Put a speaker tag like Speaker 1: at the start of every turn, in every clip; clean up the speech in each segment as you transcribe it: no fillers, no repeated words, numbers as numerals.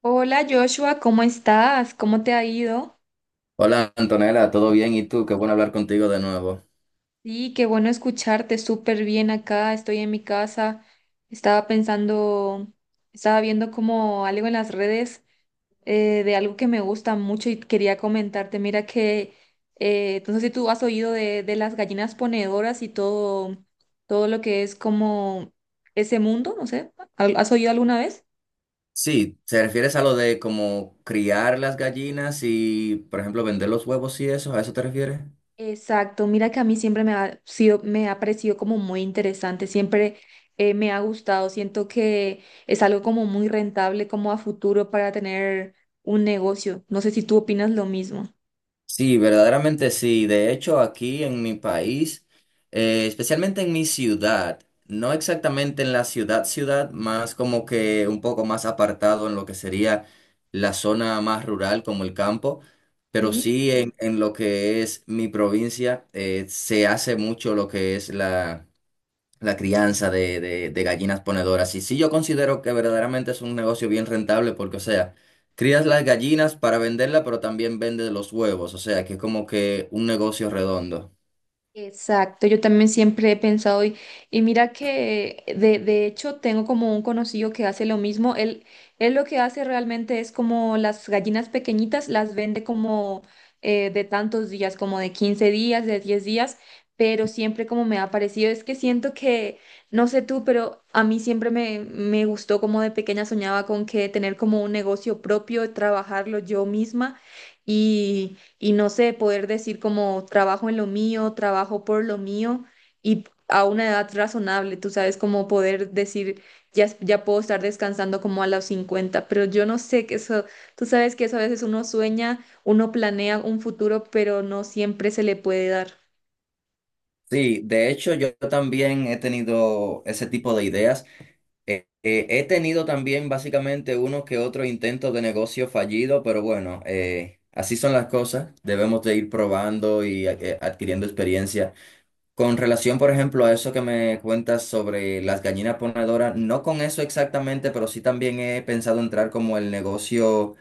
Speaker 1: Hola Joshua, ¿cómo estás? ¿Cómo te ha ido?
Speaker 2: Hola Antonella, ¿todo bien? ¿Y tú? Qué bueno hablar contigo de nuevo.
Speaker 1: Sí, qué bueno escucharte, súper bien acá, estoy en mi casa, estaba pensando, estaba viendo como algo en las redes de algo que me gusta mucho y quería comentarte, mira que, no sé si tú has oído de las gallinas ponedoras y todo, todo lo que es como ese mundo, no sé, ¿has oído alguna vez?
Speaker 2: Sí, ¿te refieres a lo de como criar las gallinas y, por ejemplo, vender los huevos y eso? ¿A eso te refieres?
Speaker 1: Exacto, mira que a mí siempre me ha sido, me ha parecido como muy interesante, siempre me ha gustado, siento que es algo como muy rentable como a futuro para tener un negocio. No sé si tú opinas lo mismo,
Speaker 2: Sí, verdaderamente sí. De hecho, aquí en mi país, especialmente en mi ciudad, no exactamente en la ciudad ciudad, más como que un poco más apartado en lo que sería la zona más rural como el campo, pero
Speaker 1: ¿sí?
Speaker 2: sí en lo que es mi provincia, se hace mucho lo que es la... la crianza de gallinas ponedoras. Y sí, yo considero que verdaderamente es un negocio bien rentable porque, o sea, crías las gallinas para venderla, pero también vendes los huevos, o sea, que es como que un negocio redondo.
Speaker 1: Exacto, yo también siempre he pensado y mira que de hecho tengo como un conocido que hace lo mismo, él lo que hace realmente es como las gallinas pequeñitas las vende como de tantos días, como de 15 días, de 10 días, pero siempre como me ha parecido, es que siento que, no sé tú, pero a mí siempre me gustó como de pequeña soñaba con que tener como un negocio propio, trabajarlo yo misma y no sé, poder decir como trabajo en lo mío, trabajo por lo mío y a una edad razonable, tú sabes, como poder decir, ya, ya puedo estar descansando como a los 50 pero yo no sé que eso, tú sabes que eso a veces uno sueña, uno planea un futuro, pero no siempre se le puede dar.
Speaker 2: Sí, de hecho yo también he tenido ese tipo de ideas. He tenido también básicamente uno que otro intento de negocio fallido, pero bueno, así son las cosas. Debemos de ir probando y adquiriendo experiencia. Con relación, por ejemplo, a eso que me cuentas sobre las gallinas ponedoras, no con eso exactamente, pero sí también he pensado entrar como el negocio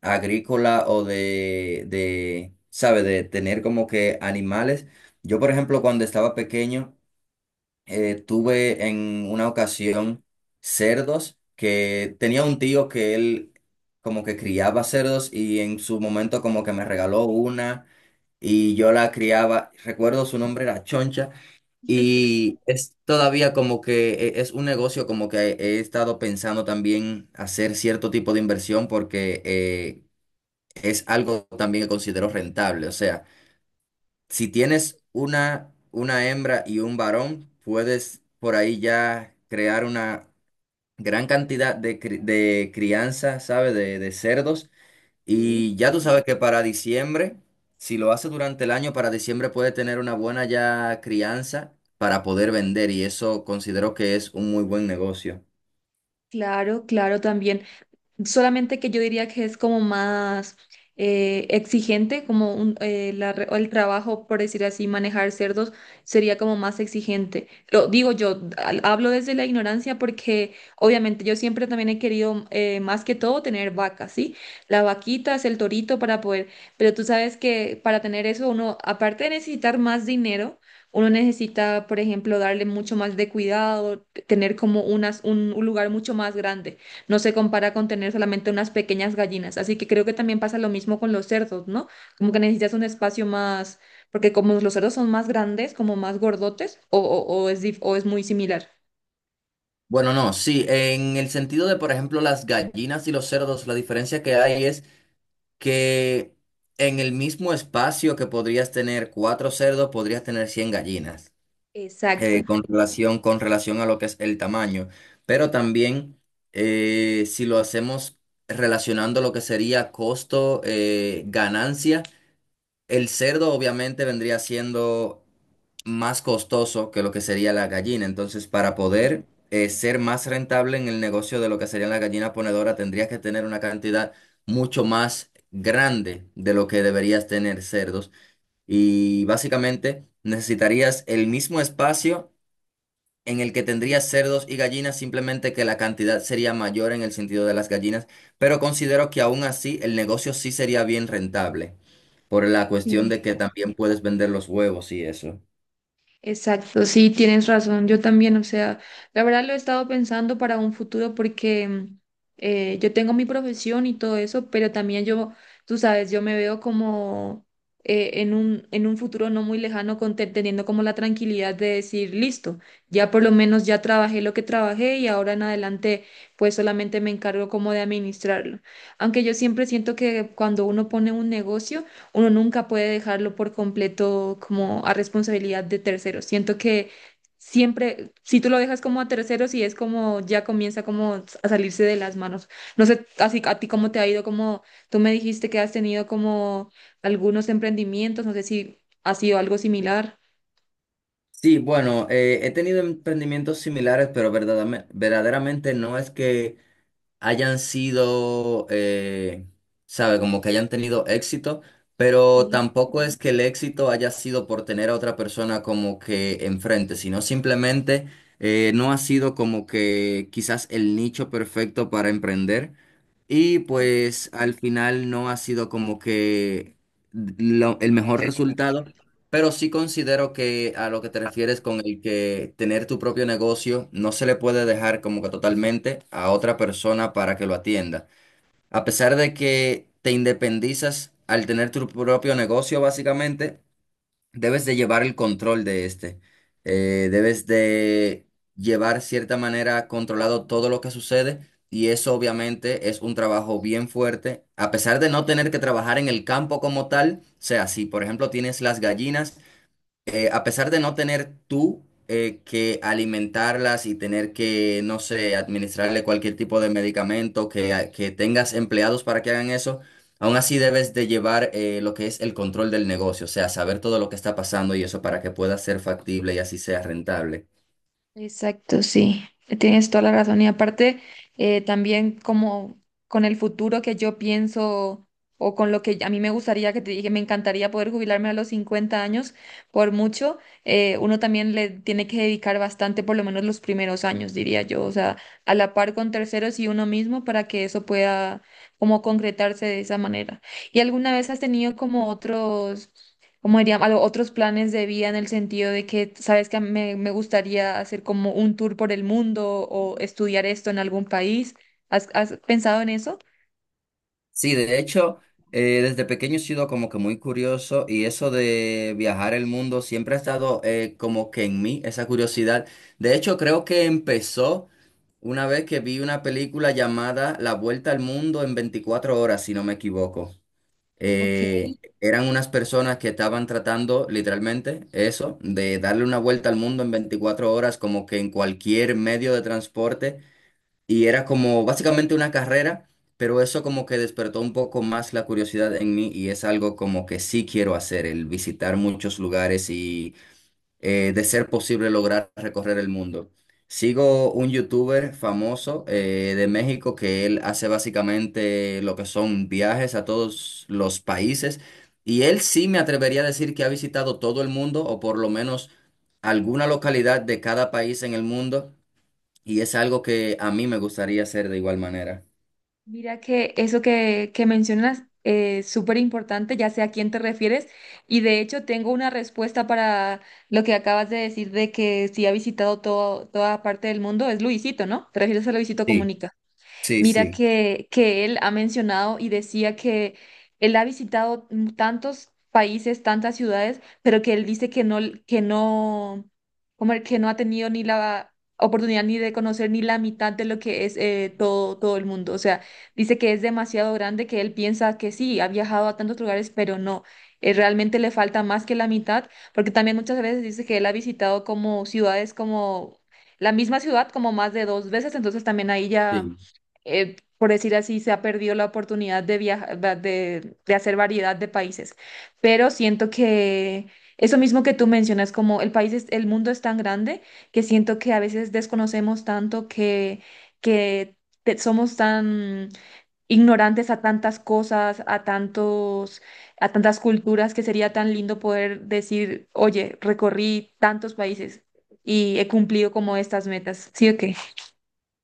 Speaker 2: agrícola o ¿sabe? De tener como que animales. Yo, por ejemplo, cuando estaba pequeño, tuve en una ocasión cerdos que tenía un tío que él como que criaba cerdos y en su momento como que me regaló una y yo la criaba. Recuerdo su nombre era Choncha. Y es todavía como que es un negocio como que he estado pensando también hacer cierto tipo de inversión porque es algo también que considero rentable. O sea, si tienes una hembra y un varón, puedes por ahí ya crear una gran cantidad de crianza, ¿sabes? De cerdos
Speaker 1: Sí.
Speaker 2: y ya tú sabes que para diciembre, si lo hace durante el año, para diciembre puede tener una buena ya crianza para poder vender y eso considero que es un muy buen negocio.
Speaker 1: Claro, claro, también. Solamente que yo diría que es como más exigente, como un, la re- o el trabajo, por decir así, manejar cerdos sería como más exigente. Lo digo yo, hablo desde la ignorancia porque obviamente yo siempre también he querido más que todo tener vacas, ¿sí? La vaquita es el torito para poder, pero tú sabes que para tener eso uno, aparte de necesitar más dinero, uno necesita, por ejemplo, darle mucho más de cuidado, tener como unas, un lugar mucho más grande no se compara con tener solamente unas pequeñas gallinas. Así que creo que también pasa lo mismo con los cerdos, ¿no? Como que necesitas un espacio más, porque como los cerdos son más grandes, como más gordotes, o es muy similar.
Speaker 2: Bueno, no, sí, en el sentido de, por ejemplo, las gallinas y los cerdos, la diferencia que hay es que en el mismo espacio que podrías tener cuatro cerdos, podrías tener 100 gallinas.
Speaker 1: Exacto.
Speaker 2: Con relación, con relación a lo que es el tamaño. Pero también, si lo hacemos relacionando lo que sería costo, ganancia, el cerdo obviamente vendría siendo más costoso que lo que sería la gallina. Entonces, para poder ser más rentable en el negocio de lo que sería la gallina ponedora, tendrías que tener una cantidad mucho más grande de lo que deberías tener cerdos. Y básicamente necesitarías el mismo espacio en el que tendría cerdos y gallinas, simplemente que la cantidad sería mayor en el sentido de las gallinas, pero considero que aún así el negocio sí sería bien rentable, por la cuestión
Speaker 1: Sí.
Speaker 2: de que también puedes vender los huevos y eso.
Speaker 1: Exacto, sí, tienes razón. Yo también, o sea, la verdad lo he estado pensando para un futuro porque yo tengo mi profesión y todo eso, pero también yo, tú sabes, yo me veo como en un futuro no muy lejano con teniendo como la tranquilidad de decir, listo, ya por lo menos ya trabajé lo que trabajé y ahora en adelante pues solamente me encargo como de administrarlo. Aunque yo siempre siento que cuando uno pone un negocio, uno nunca puede dejarlo por completo como a responsabilidad de terceros. Siento que siempre, si tú lo dejas como a terceros y es como ya comienza como a salirse de las manos. No sé, así a ti cómo te ha ido, como tú me dijiste que has tenido como algunos emprendimientos, no sé si ha sido algo similar.
Speaker 2: Sí, bueno, he tenido emprendimientos similares, pero verdaderamente no es que hayan sido, sabe, como que hayan tenido éxito, pero tampoco es que el éxito haya sido por tener a otra persona como que enfrente, sino simplemente no ha sido como que quizás el nicho perfecto para emprender. Y pues al final no ha sido como que el mejor resultado, pero sí considero que a lo que te refieres con el que tener tu propio negocio no se le puede dejar como que totalmente a otra persona para que lo atienda. A pesar de que te independizas al tener tu propio negocio, básicamente, debes de llevar el control de este. Debes de llevar cierta manera controlado todo lo que sucede y eso obviamente es un trabajo bien fuerte. A pesar de no tener que trabajar en el campo como tal, o sea, si por ejemplo tienes las gallinas, a pesar de no tener tú que alimentarlas y tener que, no sé, administrarle cualquier tipo de medicamento, que tengas empleados para que hagan eso, aún así debes de llevar lo que es el control del negocio, o sea, saber todo lo que está pasando y eso para que pueda ser factible y así sea rentable.
Speaker 1: Exacto, sí, tienes toda la razón. Y aparte, también como con el futuro que yo pienso o con lo que a mí me gustaría, que te dije, me encantaría poder jubilarme a los 50 años, por mucho, uno también le tiene que dedicar bastante, por lo menos los primeros años, diría yo, o sea, a la par con terceros y uno mismo para que eso pueda como concretarse de esa manera. ¿Y alguna vez has tenido como otros como dirían, a los otros planes de vida en el sentido de que, sabes que me gustaría hacer como un tour por el mundo o estudiar esto en algún país? ¿Has, has pensado en eso?
Speaker 2: Sí, de hecho, desde pequeño he sido como que muy curioso y eso de viajar el mundo siempre ha estado como que en mí, esa curiosidad. De hecho, creo que empezó una vez que vi una película llamada La Vuelta al Mundo en 24 horas, si no me equivoco.
Speaker 1: Ok,
Speaker 2: Eran unas personas que estaban tratando literalmente eso, de darle una vuelta al mundo en 24 horas, como que en cualquier medio de transporte. Y era como básicamente una carrera, pero eso como que despertó un poco más la curiosidad en mí y es algo como que sí quiero hacer, el visitar muchos lugares y de ser posible lograr recorrer el mundo. Sigo un youtuber famoso de México que él hace básicamente lo que son viajes a todos los países y él sí me atrevería a decir que ha visitado todo el mundo o por lo menos alguna localidad de cada país en el mundo. Y es algo que a mí me gustaría hacer de igual manera.
Speaker 1: mira que eso que mencionas es súper importante, ya sé a quién te refieres, y de hecho tengo una respuesta para lo que acabas de decir de que si ha visitado todo, toda parte del mundo, es Luisito, ¿no? ¿Te refieres a Luisito
Speaker 2: Sí,
Speaker 1: Comunica?
Speaker 2: sí,
Speaker 1: Mira
Speaker 2: sí.
Speaker 1: que él ha mencionado y decía que él ha visitado tantos países, tantas ciudades, pero que él dice que no, como el que no ha tenido ni la oportunidad ni de conocer ni la mitad de lo que es todo, todo el mundo. O sea, dice que es demasiado grande, que él piensa que sí, ha viajado a tantos lugares, pero no. Realmente le falta más que la mitad, porque también muchas veces dice que él ha visitado como ciudades como la misma ciudad como más de dos veces, entonces también ahí ya
Speaker 2: Sí,
Speaker 1: por decir así, se ha perdido la oportunidad de viajar, de hacer variedad de países. Pero siento que eso mismo que tú mencionas, como el país es, el mundo es tan grande que siento que a veces desconocemos tanto que somos tan ignorantes a tantas cosas, a tantos, a tantas culturas, que sería tan lindo poder decir, oye, recorrí tantos países y he cumplido como estas metas. ¿Sí o qué?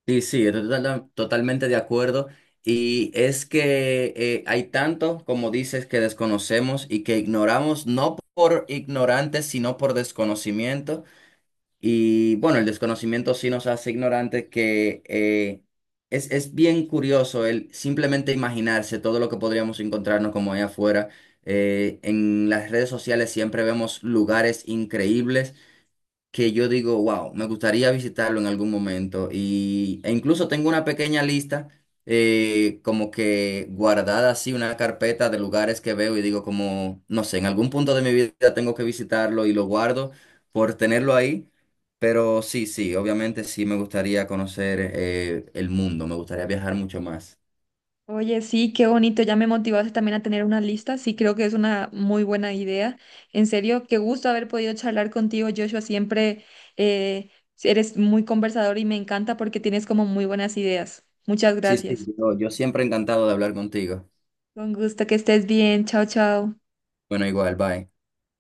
Speaker 2: sí, sí, estoy totalmente de acuerdo. Y es que hay tanto, como dices, que desconocemos y que ignoramos, no por ignorantes, sino por desconocimiento. Y bueno, el desconocimiento sí nos hace ignorantes, que es bien curioso el simplemente imaginarse todo lo que podríamos encontrarnos como allá afuera. En las redes sociales siempre vemos lugares increíbles que yo digo, wow, me gustaría visitarlo en algún momento. Y, e incluso tengo una pequeña lista, como que guardada así, una carpeta de lugares que veo y digo como, no sé, en algún punto de mi vida tengo que visitarlo y lo guardo por tenerlo ahí. Pero sí, sí, obviamente sí me gustaría conocer el mundo, me gustaría viajar mucho más.
Speaker 1: Oye, sí, qué bonito, ya me motivaste también a tener una lista, sí, creo que es una muy buena idea. En serio, qué gusto haber podido charlar contigo, Joshua, siempre eh, eres muy conversador y me encanta porque tienes como muy buenas ideas. Muchas
Speaker 2: Sí, sí,
Speaker 1: gracias.
Speaker 2: yo siempre encantado de hablar contigo.
Speaker 1: Con gusto, que estés bien, chao, chao.
Speaker 2: Bueno, igual, bye.